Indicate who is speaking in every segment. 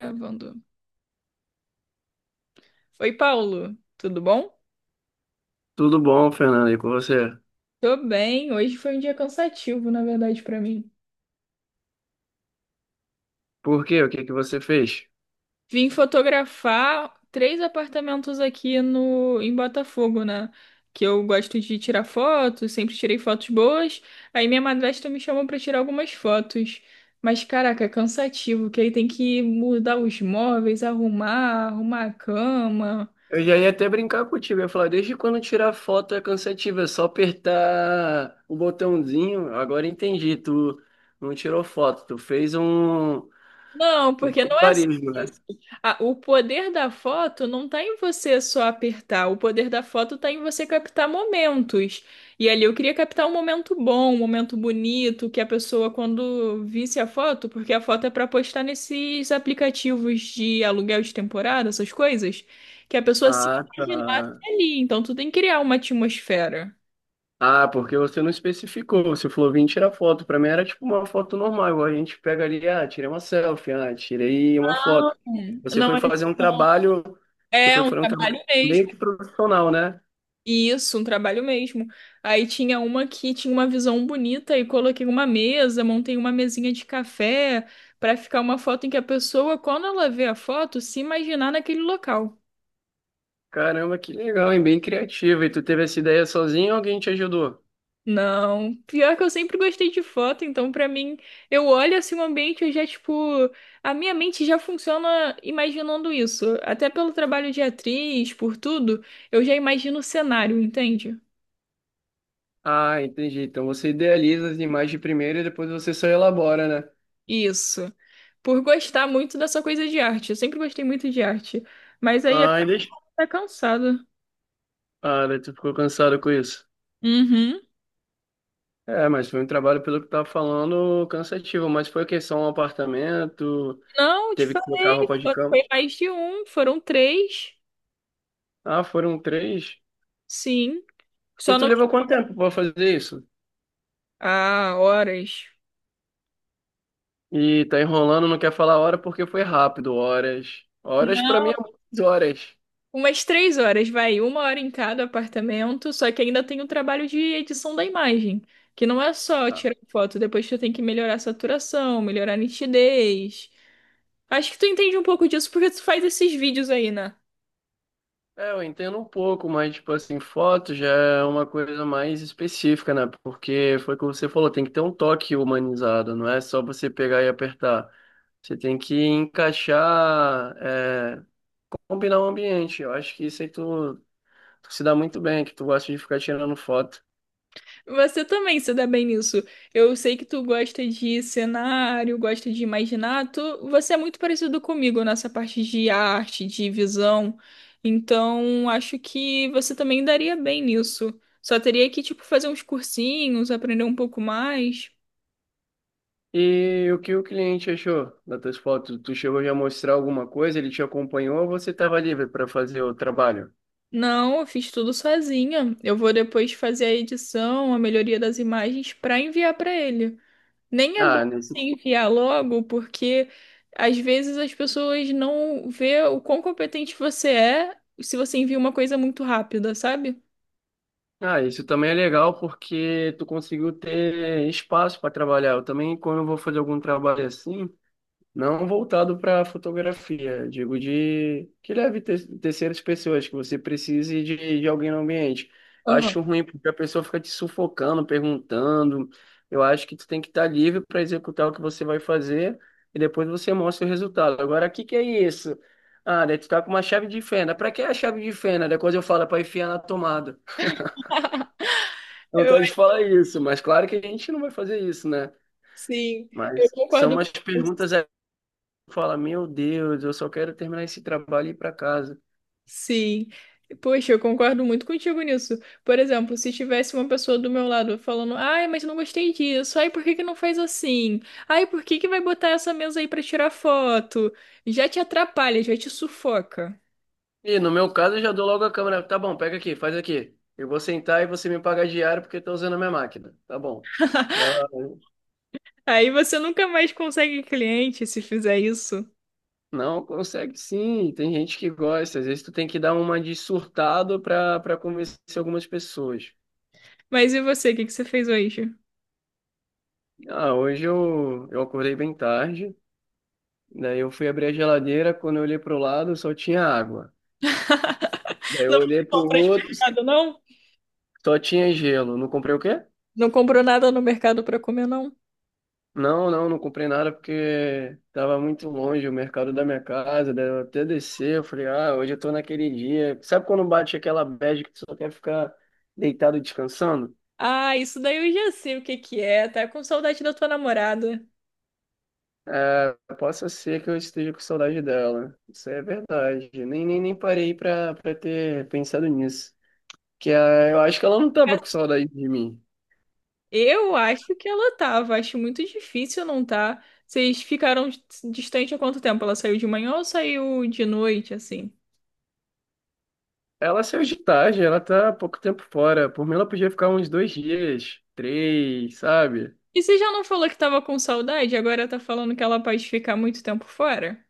Speaker 1: Gravando. Oi, Paulo, tudo bom?
Speaker 2: Tudo bom, Fernando, e com você?
Speaker 1: Tô bem. Hoje foi um dia cansativo, na verdade, pra mim.
Speaker 2: Por quê? O que que você fez?
Speaker 1: Vim fotografar três apartamentos aqui no em Botafogo, né? Que eu gosto de tirar fotos, sempre tirei fotos boas. Aí minha madrasta me chamou pra tirar algumas fotos. Mas caraca, é cansativo, que aí tem que mudar os móveis, arrumar a cama.
Speaker 2: Eu já ia até brincar contigo, eu ia falar, desde quando tirar foto é cansativo, é só apertar o botãozinho, agora entendi, tu não tirou foto, tu fez um,
Speaker 1: Não,
Speaker 2: um
Speaker 1: porque não é só
Speaker 2: barulho,
Speaker 1: isso.
Speaker 2: né?
Speaker 1: Ah, o poder da foto não está em você só apertar, o poder da foto está em você captar momentos. E ali eu queria captar um momento bom, um momento bonito, que a pessoa, quando visse a foto, porque a foto é para postar nesses aplicativos de aluguel de temporada, essas coisas, que a pessoa se
Speaker 2: Ah,
Speaker 1: imaginasse
Speaker 2: tá.
Speaker 1: ali. Então tu tem que criar uma atmosfera.
Speaker 2: Ah, porque você não especificou, você falou, vim tirar foto, pra mim era tipo uma foto normal, igual a gente pega ali, ah, tirei uma selfie, ah, tirei uma
Speaker 1: Não,
Speaker 2: foto. Você
Speaker 1: Não
Speaker 2: foi
Speaker 1: é isso.
Speaker 2: fazer um trabalho, você
Speaker 1: É
Speaker 2: foi
Speaker 1: um
Speaker 2: fazer um trabalho
Speaker 1: trabalho mesmo.
Speaker 2: meio que profissional, né?
Speaker 1: Isso, um trabalho mesmo. Aí tinha uma que tinha uma visão bonita e coloquei uma mesa, montei uma mesinha de café para ficar uma foto em que a pessoa, quando ela vê a foto, se imaginar naquele local.
Speaker 2: Caramba, que legal, hein? Bem criativa. E tu teve essa ideia sozinho ou alguém te ajudou?
Speaker 1: Não, pior que eu sempre gostei de foto, então pra mim, eu olho assim o ambiente, eu já tipo, a minha mente já funciona imaginando isso. Até pelo trabalho de atriz, por tudo, eu já imagino o cenário, entende?
Speaker 2: Ah, entendi. Então você idealiza as imagens primeiro e depois você só elabora, né?
Speaker 1: Isso. Por gostar muito dessa coisa de arte. Eu sempre gostei muito de arte. Mas aí a
Speaker 2: Ah,
Speaker 1: coisa
Speaker 2: e deixa...
Speaker 1: tá cansada.
Speaker 2: Ah, daí tu ficou cansado com isso.
Speaker 1: Uhum.
Speaker 2: É, mas foi um trabalho, pelo que tava falando, cansativo. Mas foi que só um apartamento,
Speaker 1: Não, de
Speaker 2: teve que
Speaker 1: fato,
Speaker 2: trocar roupa de cama.
Speaker 1: foi mais de um. Foram três.
Speaker 2: Ah, foram três.
Speaker 1: Sim.
Speaker 2: E
Speaker 1: Só
Speaker 2: tu
Speaker 1: não.
Speaker 2: levou quanto tempo pra fazer isso?
Speaker 1: Ah, horas.
Speaker 2: E tá enrolando, não quer falar hora porque foi rápido. Horas. Horas pra mim
Speaker 1: Não.
Speaker 2: é muitas horas.
Speaker 1: Umas três horas, vai. Uma hora em cada apartamento. Só que ainda tem o trabalho de edição da imagem. Que não é só tirar foto. Depois tu tem que melhorar a saturação, melhorar a nitidez. Acho que tu entende um pouco disso porque tu faz esses vídeos aí, né?
Speaker 2: É, eu entendo um pouco, mas, tipo assim, foto já é uma coisa mais específica, né? Porque foi o que você falou, tem que ter um toque humanizado, não é só você pegar e apertar. Você tem que encaixar, é, combinar o ambiente. Eu acho que isso aí tu, se dá muito bem, que tu gosta de ficar tirando foto.
Speaker 1: Você também se dá bem nisso. Eu sei que tu gosta de cenário, gosta de imaginar. Tu, você é muito parecido comigo nessa parte de arte, de visão. Então, acho que você também daria bem nisso. Só teria que, tipo, fazer uns cursinhos, aprender um pouco mais.
Speaker 2: E o que o cliente achou das tuas fotos? Tu chegou já a mostrar alguma coisa? Ele te acompanhou ou você estava livre para fazer o trabalho?
Speaker 1: Não, eu fiz tudo sozinha. Eu vou depois fazer a edição, a melhoria das imagens para enviar para ele. Nem é
Speaker 2: Ah,
Speaker 1: bom
Speaker 2: nesse
Speaker 1: se enviar logo, porque às vezes as pessoas não vê o quão competente você é se você envia uma coisa muito rápida, sabe?
Speaker 2: Ah, isso também é legal porque tu conseguiu ter espaço para trabalhar. Eu também, quando eu vou fazer algum trabalho assim, não voltado para fotografia, digo de que leve terceiras pessoas, que você precise de, alguém no ambiente.
Speaker 1: Aham.
Speaker 2: Acho ruim porque a pessoa fica te sufocando, perguntando. Eu acho que tu tem que estar livre para executar o que você vai fazer e depois você mostra o resultado. Agora, o que que é isso? Ah, daí tu tá com uma chave de fenda. Pra que a chave de fenda? Depois eu falo para enfiar na tomada.
Speaker 1: Eu,
Speaker 2: Vontade de
Speaker 1: acho-
Speaker 2: falar isso, mas claro que a gente não vai fazer isso, né?
Speaker 1: sim, eu
Speaker 2: Mas são
Speaker 1: concordo
Speaker 2: umas
Speaker 1: com isso.
Speaker 2: perguntas aí que fala, meu Deus, eu só quero terminar esse trabalho e ir pra casa.
Speaker 1: Sim. Poxa, eu concordo muito contigo nisso. Por exemplo, se tivesse uma pessoa do meu lado falando, ai, mas não gostei disso, ai, por que que não faz assim? Ai, por que que vai botar essa mesa aí pra tirar foto? Já te atrapalha, já te sufoca.
Speaker 2: E no meu caso eu já dou logo a câmera, tá bom, pega aqui, faz aqui. Eu vou sentar e você me paga diário porque eu tô usando a minha máquina, tá bom. Não,
Speaker 1: Aí você nunca mais consegue cliente se fizer isso.
Speaker 2: não consegue sim, tem gente que gosta, às vezes tu tem que dar uma de surtado pra, convencer algumas pessoas.
Speaker 1: Mas e você, o que que você fez hoje?
Speaker 2: Ah, hoje eu, acordei bem tarde, daí eu fui abrir a geladeira, quando eu olhei pro lado só tinha água. Daí eu
Speaker 1: Não fez
Speaker 2: olhei pro
Speaker 1: compras de
Speaker 2: outro,
Speaker 1: mercado, não?
Speaker 2: só tinha gelo. Não comprei o quê?
Speaker 1: Não comprou nada no mercado pra comer, não?
Speaker 2: Não, não, não comprei nada porque tava muito longe o mercado da minha casa. Daí eu até descer, eu falei, ah, hoje eu tô naquele dia. Sabe quando bate aquela bad que tu só quer ficar deitado e descansando?
Speaker 1: Ah, isso daí eu já sei o que que é. Tá com saudade da tua namorada.
Speaker 2: É, possa ser que eu esteja com saudade dela. Isso é verdade. Nem, nem parei pra, ter pensado nisso. Que ah, eu acho que ela não tava com saudade de mim.
Speaker 1: Eu acho que ela tava. Acho muito difícil não tá. Vocês ficaram distante há quanto tempo? Ela saiu de manhã ou saiu de noite, assim?
Speaker 2: Ela saiu de tarde, ela tá há pouco tempo fora. Por mim, ela podia ficar uns dois dias, três, sabe?
Speaker 1: E você já não falou que tava com saudade? Agora tá falando que ela pode ficar muito tempo fora?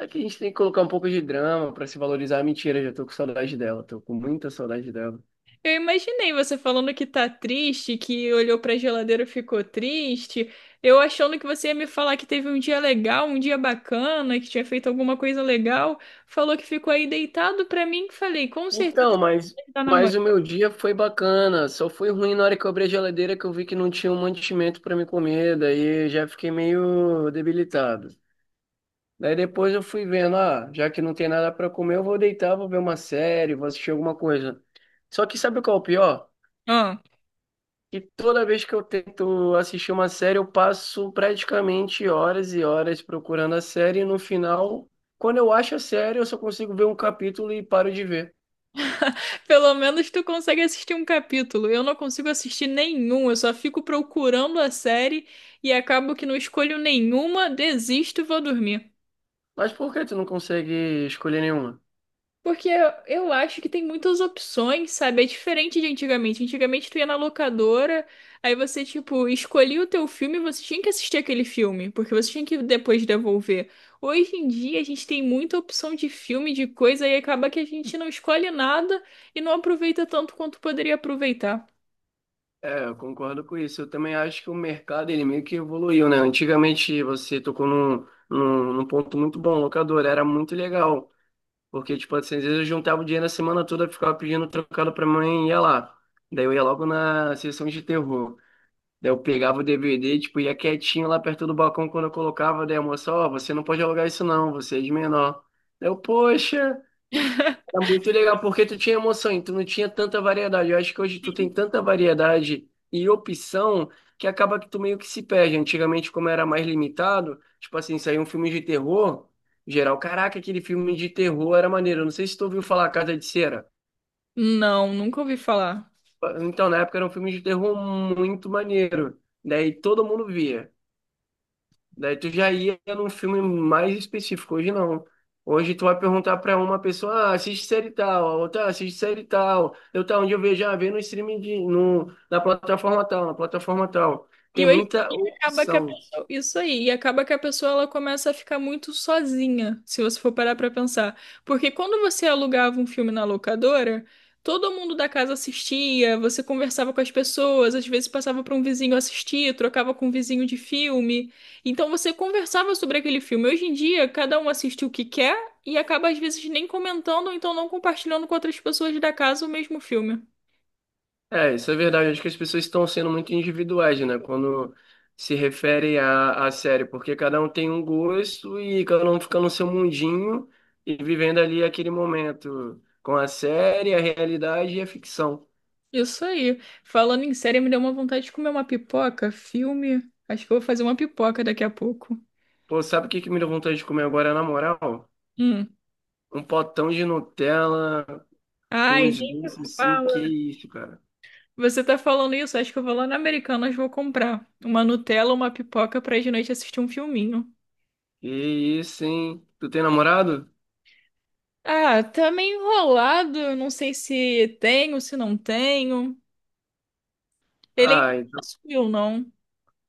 Speaker 2: É que a gente tem que colocar um pouco de drama pra se valorizar. Mentira, já tô com saudade dela, tô com muita saudade dela.
Speaker 1: Eu imaginei você falando que tá triste, que olhou pra geladeira e ficou triste. Eu achando que você ia me falar que teve um dia legal, um dia bacana, que tinha feito alguma coisa legal. Falou que ficou aí deitado pra mim. Falei, com certeza
Speaker 2: Então, mas,
Speaker 1: você tá namorando.
Speaker 2: o meu dia foi bacana. Só foi ruim na hora que eu abri a geladeira que eu vi que não tinha um mantimento pra me comer, daí eu já fiquei meio debilitado. Daí depois eu fui vendo, ah, já que não tem nada pra comer, eu vou deitar, vou ver uma série, vou assistir alguma coisa. Só que sabe qual é o pior?
Speaker 1: Ah,
Speaker 2: E toda vez que eu tento assistir uma série, eu passo praticamente horas e horas procurando a série e no final, quando eu acho a série, eu só consigo ver um capítulo e paro de ver.
Speaker 1: pelo menos tu consegue assistir um capítulo. Eu não consigo assistir nenhum. Eu só fico procurando a série e acabo que não escolho nenhuma, desisto e vou dormir.
Speaker 2: Mas por que tu não consegue escolher nenhuma?
Speaker 1: Porque eu acho que tem muitas opções, sabe? É diferente de antigamente. Antigamente tu ia na locadora, aí você, tipo, escolhia o teu filme e você tinha que assistir aquele filme, porque você tinha que depois devolver. Hoje em dia a gente tem muita opção de filme, de coisa, e acaba que a gente não escolhe nada e não aproveita tanto quanto poderia aproveitar.
Speaker 2: É, eu concordo com isso. Eu também acho que o mercado, ele meio que evoluiu, né? Antigamente, você tocou num, num ponto muito bom, locador, era muito legal. Porque, tipo, assim, às vezes eu juntava o dinheiro a semana toda, ficava pedindo trocado pra mãe e ia lá. Daí eu ia logo na sessão de terror. Daí eu pegava o DVD, tipo, ia quietinho lá perto do balcão quando eu colocava, daí a moça, ó, você não pode alugar isso não, você é de menor. Daí eu, poxa, era muito legal, porque tu tinha emoção e tu não tinha tanta variedade. Eu acho que hoje tu tem tanta variedade e opção que acaba que tu meio que se perde. Antigamente, como era mais limitado, tipo assim, saiu um filme de terror, geral, caraca, aquele filme de terror era maneiro. Eu não sei se tu ouviu falar Casa de Cera.
Speaker 1: Não, nunca ouvi falar.
Speaker 2: Então, na época era um filme de terror muito maneiro. Daí todo mundo via. Daí tu já ia num filme mais específico. Hoje não. Hoje tu vai perguntar pra uma pessoa, ah, assiste série tal, a outra, "Ah, assiste série tal. Eu tá onde eu vejo, ah, vê no streaming de, no, na plataforma tal, na plataforma tal.
Speaker 1: E
Speaker 2: Tem
Speaker 1: hoje
Speaker 2: muita
Speaker 1: em dia acaba que a
Speaker 2: opção.
Speaker 1: pessoa, isso aí, e acaba que a pessoa ela começa a ficar muito sozinha, se você for parar pra pensar. Porque quando você alugava um filme na locadora, todo mundo da casa assistia, você conversava com as pessoas, às vezes passava para um vizinho assistir, trocava com um vizinho de filme. Então você conversava sobre aquele filme. Hoje em dia, cada um assiste o que quer e acaba às vezes nem comentando ou então não compartilhando com outras pessoas da casa o mesmo filme.
Speaker 2: É, isso é verdade. Acho que as pessoas estão sendo muito individuais, né? Quando se refere à, à série, porque cada um tem um gosto e cada um fica no seu mundinho e vivendo ali aquele momento com a série, a realidade e a ficção.
Speaker 1: Isso aí. Falando em série, me deu uma vontade de comer uma pipoca, filme. Acho que eu vou fazer uma pipoca daqui a pouco.
Speaker 2: Pô, sabe o que que me deu vontade de comer agora, na moral?
Speaker 1: Hum.
Speaker 2: Um potão de Nutella com
Speaker 1: Ai,
Speaker 2: uns
Speaker 1: nem
Speaker 2: doces assim, que
Speaker 1: fala.
Speaker 2: isso, cara.
Speaker 1: Você tá falando isso? Acho que eu vou lá na Americanas, vou comprar uma Nutella, uma pipoca pra de noite assistir um filminho.
Speaker 2: Que isso, hein? Tu tem namorado?
Speaker 1: Ah, tá meio enrolado. Eu não sei se tenho, se não tenho. Ele ainda
Speaker 2: Ah, então,
Speaker 1: não subiu, não.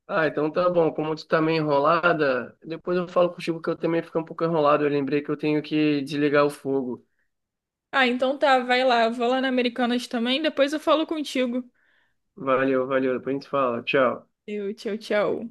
Speaker 2: ah, então tá bom. Como tu tá meio enrolada, depois eu falo contigo que eu também fico um pouco enrolado. Eu lembrei que eu tenho que desligar o fogo.
Speaker 1: Ah, então tá, vai lá. Eu vou lá na Americanas também, depois eu falo contigo.
Speaker 2: Valeu, valeu. Depois a gente fala. Tchau.
Speaker 1: Tchau, tchau.